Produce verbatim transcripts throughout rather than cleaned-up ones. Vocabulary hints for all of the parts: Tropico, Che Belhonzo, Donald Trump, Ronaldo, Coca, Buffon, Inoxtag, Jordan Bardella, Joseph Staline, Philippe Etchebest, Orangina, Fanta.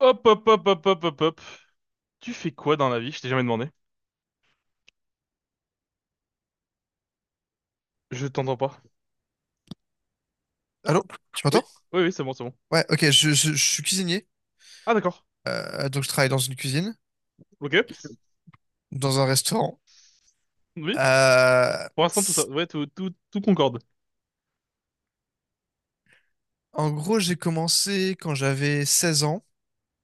Hop, hop, hop, hop, hop, hop, hop. Tu fais quoi dans la vie? Je t'ai jamais demandé. Je t'entends pas. Allô? Tu m'entends? Oui, oui, oui, c'est bon, c'est bon. Ouais, ok, je, je- je suis cuisinier. Ah, d'accord. Euh, donc, je travaille dans une cuisine, Ok. dans un restaurant. Oui. Euh, Pour l'instant, tout ça. c- Ouais, tout, tout, tout concorde. En gros, j'ai commencé quand j'avais seize ans.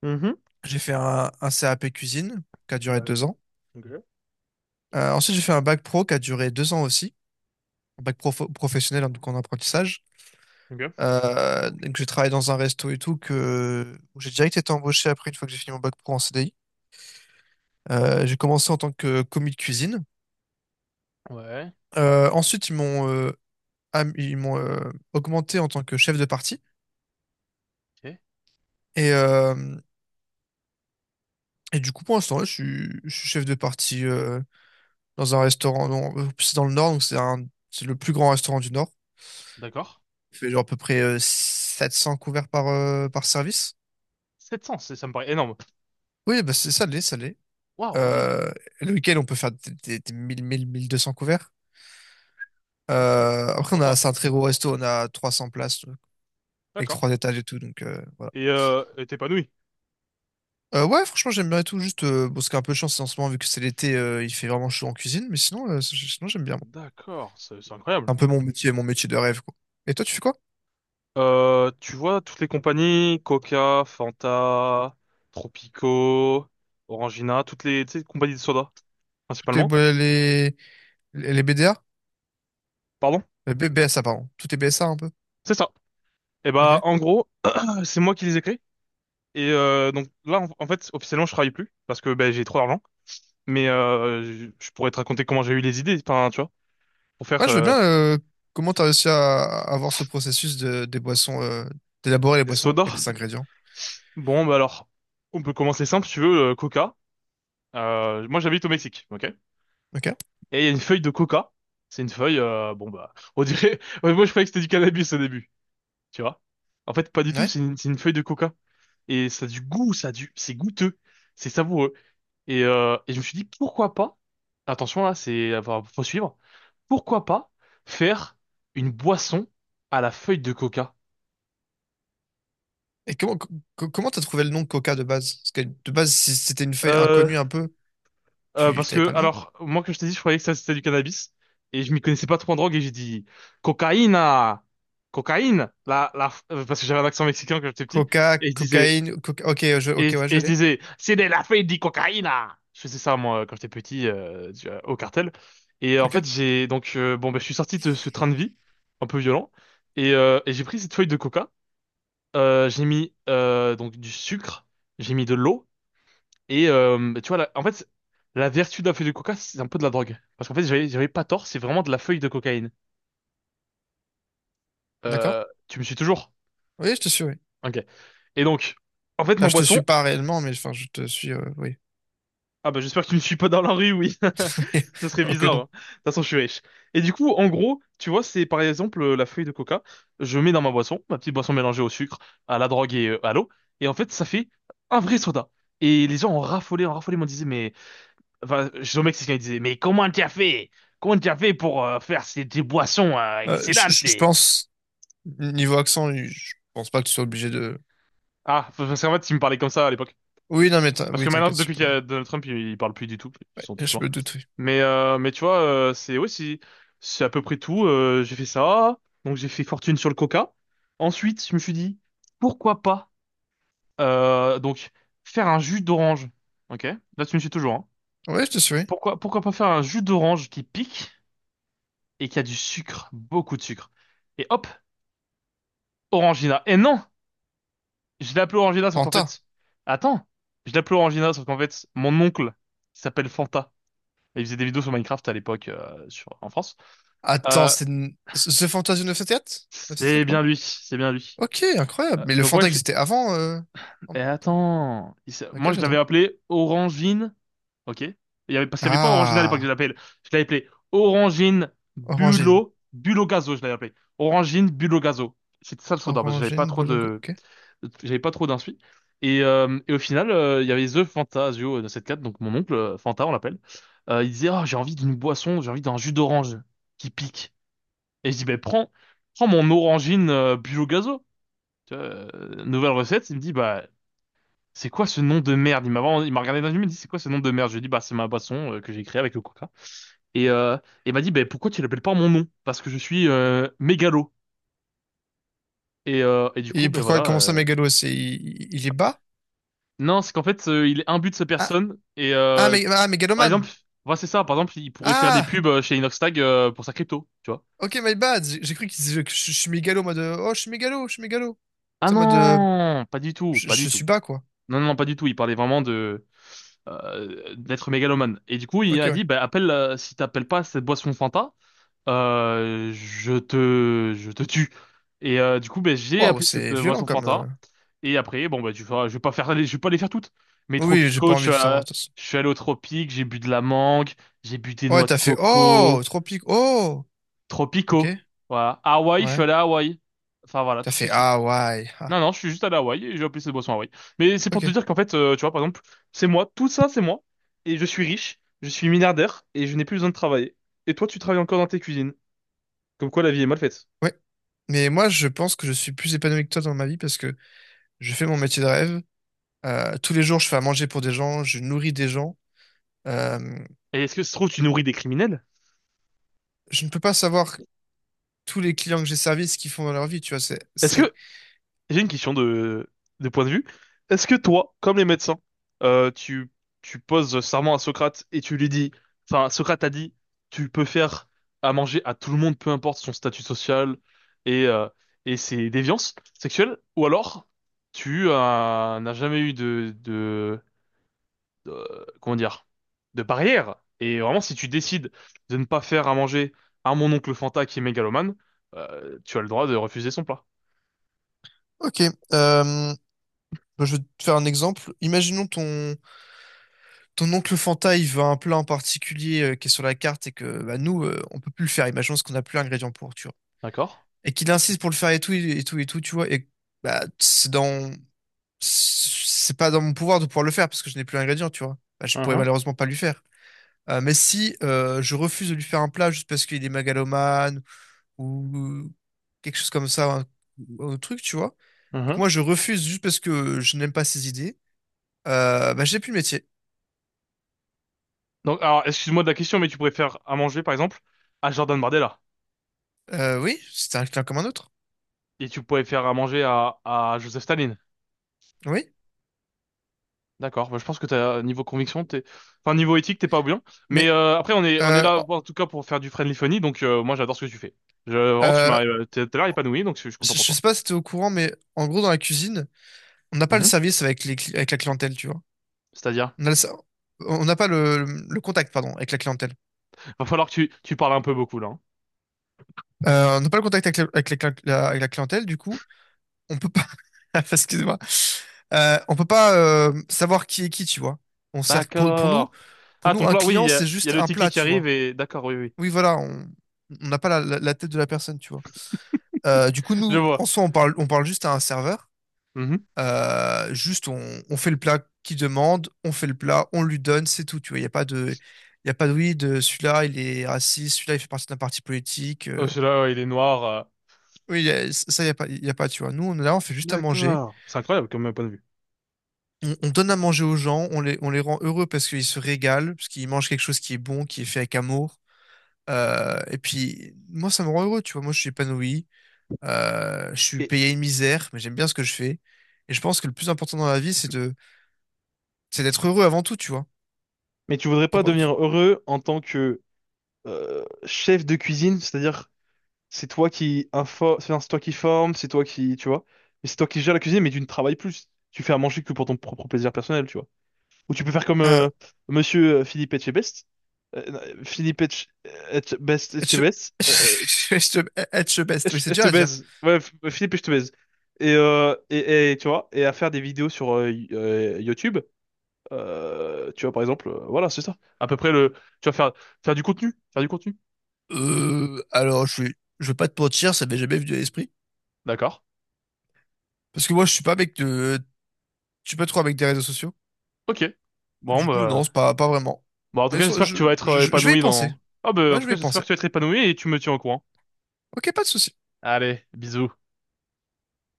Mhm. J'ai fait un, un C A P cuisine qui a duré Bah, deux ans. ok. Euh, ensuite, j'ai fait un bac pro qui a duré deux ans aussi. Un bac pro professionnel, hein, donc en apprentissage. Ok. Euh, donc, j'ai travaillé dans un resto et tout que où j'ai direct été embauché après une fois que j'ai fini mon bac pro en C D I. Euh, j'ai commencé en tant que commis de cuisine. Ouais. Euh, ensuite, ils m'ont euh, am- ils m'ont euh, augmenté en tant que chef de parti. Ok. Et, euh, et du coup, pour l'instant, là, je suis, je suis chef de parti euh, dans un restaurant. Non, euh, C'est dans le Nord, donc c'est un, c'est le plus grand restaurant du Nord. D'accord. Il fait genre à peu près euh, sept cents couverts par, euh, par service. sept cents, c'est- ça me paraît énorme. Oui, bah c'est ça, l'est, ça l'est. Waouh, ok. Euh, le week-end, on peut faire des, des, des mille mille, mille deux cents couverts. Ok. Euh, après, on a, Sympa. c'est un très gros resto, on a trois cents places euh, avec D'accord. trois étages et tout, donc euh, voilà. Et euh, et t'épanouis. Euh, ouais, franchement, j'aime bien et tout. Juste, euh, bon, c'est un peu chance en ce moment, vu que c'est l'été, euh, il fait vraiment chaud en cuisine, mais sinon, euh, c'est- sinon j'aime bien. moi. D'accord, c'est c'est C'est incroyable. un peu mon métier, mon métier de rêve, quoi. Et toi, tu fais quoi? Euh, tu vois, toutes les compagnies, Coca, Fanta, Tropico, Orangina, toutes les, tu sais, compagnies de soda, Tout tes principalement. bo- les, les les B D A? Pardon? Euh, B- BSA, pardon. Tout est B S A un peu. C'est ça. Et Ok. bah en gros, euh, c'est moi qui les ai créés. Et euh, donc là, en, en fait, officiellement, je travaille plus parce que ben j'ai trop d'argent. Mais euh, je, je pourrais te raconter comment j'ai eu les idées, enfin, tu vois, pour faire Ouais, je veux euh, bien. Euh, comment t'as réussi à à avoir ce processus de, des boissons, euh, d'élaborer les boissons soda. avec les ingrédients? Bon, bah alors, on peut commencer simple, si tu veux, euh, Coca. Euh, moi, j'habite au Mexique, ok? Ok. Et il y a une feuille de Coca. C'est une feuille, euh, bon bah, on dirait. Ouais, moi, je croyais que c'était du cannabis au début, tu vois. En fait, pas du tout. Ouais. C'est une, c'est une feuille de Coca et ça a du goût, ça a du, c'est goûteux, c'est savoureux. Et, euh, et je me suis dit, pourquoi pas, attention là, c'est, enfin, faut suivre, pourquoi pas faire une boisson à la feuille de coca? Et comment co- co- comment t'as trouvé le nom de Coca de base? Parce que de base, si c'était une feuille Euh, inconnue un peu, euh, tu parce t'avais que, pas le nom. alors, moi, comme je t'ai dit, je croyais que ça c'était du cannabis, et je m'y connaissais pas trop en drogue, et j'ai dit, cocaïne, ah, cocaïne, la, la, euh, parce que j'avais un accent mexicain quand j'étais petit, Coca, et je disais, cocaïne, coca. Ok, je... Et, ok, je ouais, je et je l'ai. disais, c'est de la feuille de cocaïne! Je faisais ça, moi, quand j'étais petit, euh, tu vois, au cartel. Et euh, en Ok. fait, j'ai donc, euh, bon, ben, je suis sorti de ce train de vie, un peu violent, et, euh, et j'ai pris cette feuille de coca. Euh, j'ai mis euh, donc du sucre, j'ai mis de l'eau, et euh, bah, tu vois, la- en fait, la vertu de la feuille de coca, c'est un peu de la drogue. Parce qu'en fait, j'avais j'avais pas tort, c'est vraiment de la feuille de cocaïne. D'accord? Euh, tu me suis toujours? Oui, je te suis, oui. Ok. Et donc, en fait, Enfin, ma je te suis boisson, pas réellement, mais enfin, je te suis, euh, oui. ah bah j'espère que tu me suis pas dans la rue, oui. Ce serait Ok, bizarre, non. hein. De toute façon, je suis riche. Et du coup, en gros, tu vois, c'est par exemple euh, la feuille de coca. Je mets dans ma boisson, ma petite boisson mélangée au sucre, à la drogue et euh, à l'eau. Et en fait, ça fait un vrai soda. Et les gens ont raffolé, ont raffolé, m'ont disait, mais... Enfin, je mec, c'est ce qu'ils disaient, mais comment tu as fait? Comment tu as fait pour euh, faire ces, des boissons euh, Euh, je, je- excellentes? je pense, niveau accent, je pense pas que tu sois obligé de... Ah, parce qu'en fait, ils me parlaient comme ça à l'époque. Oui, non, mais t'in- Parce que oui, maintenant, t'inquiète, je depuis qu'il peux. y a Donald Trump, il, il parle plus du tout. Ils Ouais, sont tous je morts. me doute, oui. Mais, euh, mais tu vois, euh, c'est aussi, c'est à peu près tout. Euh, j'ai fait ça. Donc, j'ai fait fortune sur le coca. Ensuite, je me suis dit, pourquoi pas, euh, donc, faire un jus d'orange. Ok? Là, tu me suis toujours, hein. Oui, je te suis, oui. Pourquoi, pourquoi pas faire un jus d'orange qui pique et qui a du sucre, beaucoup de sucre. Et hop, Orangina. Et non! Je l'ai appelé Orangina, sauf qu'en Fanta. fait, attends. Je l'ai appelé Orangina, sauf qu'en fait, mon oncle, il s'appelle Fanta. Et il faisait des vidéos sur Minecraft à l'époque euh, sur en France. Attends, Euh, c'est... n- The Fantasy neuf sept quatre? c'est neuf sept quatre, bien pardon. lui, c'est bien lui. Ok, incroyable. Euh, Mais le donc moi, Fanta je... existait avant, euh... eh, Fanta. attends, Il s'est- Ok, moi je l'avais j'attends. appelé Orangine, ok. Il y avait parce qu'il y avait pas Orangina à l'époque, je Ah, l'appelle. Je l'avais appelé Orangine Orangine. Bulo Bulo Gazo, je l'avais appelé Orangine Bulo Gazo. C'était ça le pseudo parce que j'avais pas Orangine, trop Bolongo, de ok. j'avais pas trop d'insuits. Et, euh, et au final, euh, il y avait The Fantasio dans cette carte, donc mon oncle euh, Fanta, on l'appelle. Euh, il disait, oh, j'ai envie d'une boisson, j'ai envie d'un jus d'orange qui pique. Et je dis, ben prends, prends mon orangine euh, bio gazo. Tu vois, euh, nouvelle recette. Il me dit, bah, c'est quoi ce nom de merde? Il m'a vraiment- il m'a regardé dans les yeux, il me dit, c'est quoi ce nom de merde? Je lui ai dit, bah, c'est ma boisson euh, que j'ai créée avec le coca. Et euh, il m'a dit, ben pourquoi tu l'appelles pas mon nom? Parce que je suis euh, mégalo. Et, euh, et du coup, Et ben pourquoi, voilà. comment ça, euh, Mégalo, c'est... Il, il est bas? Non, c'est qu'en fait, euh, il est imbu de sa Ah, personne. Et ah, euh, Mé- ah, par Mégalomane! exemple, voilà, c'est ça. Par exemple, il pourrait faire des Ah! pubs euh, chez Inoxtag euh, pour sa crypto, tu vois. Ok, my bad! J'ai j'ai cru qu'il disait que je, je suis mégalo, en mode euh, Oh, je suis mégalo, je suis mégalo. Ah C'est en mode euh, non, pas du tout, je, pas du je suis tout. bas, quoi. Non, non, non pas du tout. Il parlait vraiment de euh, d'être mégalomane. Et du coup, il Ok, a ouais. dit, bah, appelle, euh, si t'appelles pas cette boisson Fanta, euh, je te, je te tue. Et euh, du coup, ben j'ai Waouh, appelé cette c'est euh, violent boisson comme. Fanta. euh. Et après, bon, bah, tu vois, je vais pas faire, les- je vais pas les faire toutes. Mais Oui, j'ai pas Tropico, je envie suis, de savoir, à- de toute façon. je suis allé au Tropique, j'ai bu de la mangue, j'ai bu des Ouais, noix de t'as fait Oh! coco. Tropique, oh! Ok, Tropico. Voilà. Hawaï, je suis ouais. allé à Hawaï. Enfin, voilà, T'as tout se fait suit. Ah, ouais. Ah, Non, non, je suis juste allé à Hawaï et j'ai appelé cette boisson Hawaï. Mais c'est pour ok, te dire qu'en fait, euh, tu vois, par exemple, c'est moi, tout ça, c'est moi. Et je suis riche, je suis milliardaire et je n'ai plus besoin de travailler. Et toi, tu travailles encore dans tes cuisines. Comme quoi, la vie est mal faite. ouais. Mais moi, je pense que je suis plus épanoui que toi dans ma vie parce que je fais mon métier de rêve. Euh, tous les jours, je fais à manger pour des gens, je nourris des gens. Euh, Et est-ce que ça se trouve, tu nourris des criminels? je ne peux pas savoir tous les clients que j'ai servis ce qu'ils font dans leur vie, tu vois. C'est, ce Est-ce serait... que, J'ai une question de, de point de vue. Est-ce que toi, comme les médecins, euh, tu, tu poses serment à Socrate et tu lui dis, enfin, Socrate a dit, tu peux faire à manger à tout le monde, peu importe son statut social et, euh, et ses déviances sexuelles, ou alors tu euh, n'as jamais eu de, de, de- comment dire, de barrière. Et vraiment, si tu décides de ne pas faire à manger à mon oncle Fanta qui est mégalomane, euh, tu as le droit de refuser son plat. Ok, euh, bah, je vais te faire un exemple. Imaginons ton, ton oncle Fanta, il veut un plat en particulier euh, qui est sur la carte et que bah, nous, euh, on peut plus le faire. Imaginons parce qu'on n'a plus l'ingrédient pour, tu vois. D'accord? Et qu'il insiste pour le faire et tout, et tout, et tout, tu vois. Et bah, c'est dans... c'est pas dans mon pouvoir de pouvoir le faire parce que je n'ai plus l'ingrédient, tu vois. Bah, je ne pourrais Mhm, malheureusement pas lui faire. Euh, mais si euh, je refuse de lui faire un plat juste parce qu'il est mégalomane ou quelque chose comme ça, un, un truc, tu vois, et que mhm. moi je refuse juste parce que je n'aime pas ses idées, Euh, bah, j'ai plus le métier. Donc, alors, excuse-moi de la question, mais tu pourrais faire à manger, par exemple, à Jordan Bardella. Euh, oui, c'était un client comme un autre. Et tu pourrais faire à manger à, à Joseph Staline. Oui, D'accord. Bah, je pense que t'as, niveau conviction, t'es, enfin, niveau éthique, t'es pas oubliant. Mais, mais euh, après, on est, on est euh, là, en- en tout cas, pour faire du friendly funny. Donc, euh, moi, j'adore ce que tu fais. Je, vraiment, tu euh, m'as, euh, t'es- t'as l'air épanoui, donc je suis content je pour je toi. sais pas si t'es au courant, mais en gros, dans la cuisine, on n'a pas le Mhm. service avec les, cli- avec la clientèle, tu vois. C'est-à-dire, On a le ser- on n'a pas le, le contact, pardon, avec la clientèle. va falloir que tu, tu parles un peu beaucoup, là, hein. Euh, on n'a pas le contact avec, la, avec la cli- la- avec la clientèle, du coup, on peut pas, excuse-moi, Euh, on peut pas euh, savoir qui est qui, tu vois. On sert, pour, pour nous, D'accord. pour Ah, ton nous, un plat, oui, il client, y a, c'est il y a juste le un ticket plat, qui tu arrive vois. et, d'accord, oui, oui. Oui, voilà, on on n'a pas la la- la tête de la personne, tu vois. Euh, du coup, Je nous, en vois. soi, on parle, on parle juste à un serveur. Mhm. Euh, juste, on, on fait le plat qu'il demande, on fait le plat, on lui donne, c'est tout. Tu vois, il n'y a pas de, il y a pas de oui, de celui-là, il est raciste, celui-là, il fait partie d'un parti politique. Oh, euh. celui-là, ouais, il est noir. euh. Oui, y a- ça, il n'y a pas, y a pas, tu vois. Nous, on est là, on fait juste à manger. D'accord. C'est incroyable comme point de On, on donne à manger aux gens, on les, on les rend heureux parce qu'ils se régalent, parce qu'ils mangent quelque chose qui est bon, qui est fait avec amour. Euh, et puis, moi, ça me rend heureux, tu vois. Moi, je suis épanoui. Euh, je suis vue. payé une misère, mais j'aime bien ce que je fais. Et je pense que le plus important dans la vie, c'est de, c'est d'être heureux avant tout, tu vois. Mais tu voudrais T'en pas penses- devenir tu- heureux en tant que euh, chef de cuisine, c'est-à-dire c'est toi qui info, enfin, c'est toi qui forme, c'est toi qui, tu vois, mais c'est toi qui gère la cuisine, mais tu ne travailles plus. Tu fais à manger que pour ton propre plaisir personnel, tu vois. Ou tu peux faire comme euh, euh, Monsieur euh, Philippe Etchebest. Euh, non, Philippe Etche- Etchebest, être, Etchebest, euh, être- être the best. Oui, Etche- c'est je dur te à dire. baise. Ouais, F- Philippe, je te baise. Et, euh, et, et, tu vois, et à faire des vidéos sur euh, y- euh, YouTube euh, tu vois, par exemple, euh, voilà, c'est ça. À peu près le. Tu vas faire faire du contenu, faire du contenu. Euh, alors, je suis, je veux pas te mentir, ça m'est jamais venu à l'esprit. D'accord. Parce que moi, je suis pas avec de, je suis pas trop avec des réseaux sociaux. Ok. Bon, Du coup, non, c'est bah... pas, pas vraiment. bon, en tout Mais cas, ça, j'espère que je, tu vas être je, euh, je vais y épanoui penser. dans. Ah, bah, en Ouais, tout je cas, vais y j'espère penser. que tu vas être épanoui et tu me tiens au courant. Ok, pas de souci. Allez, bisous.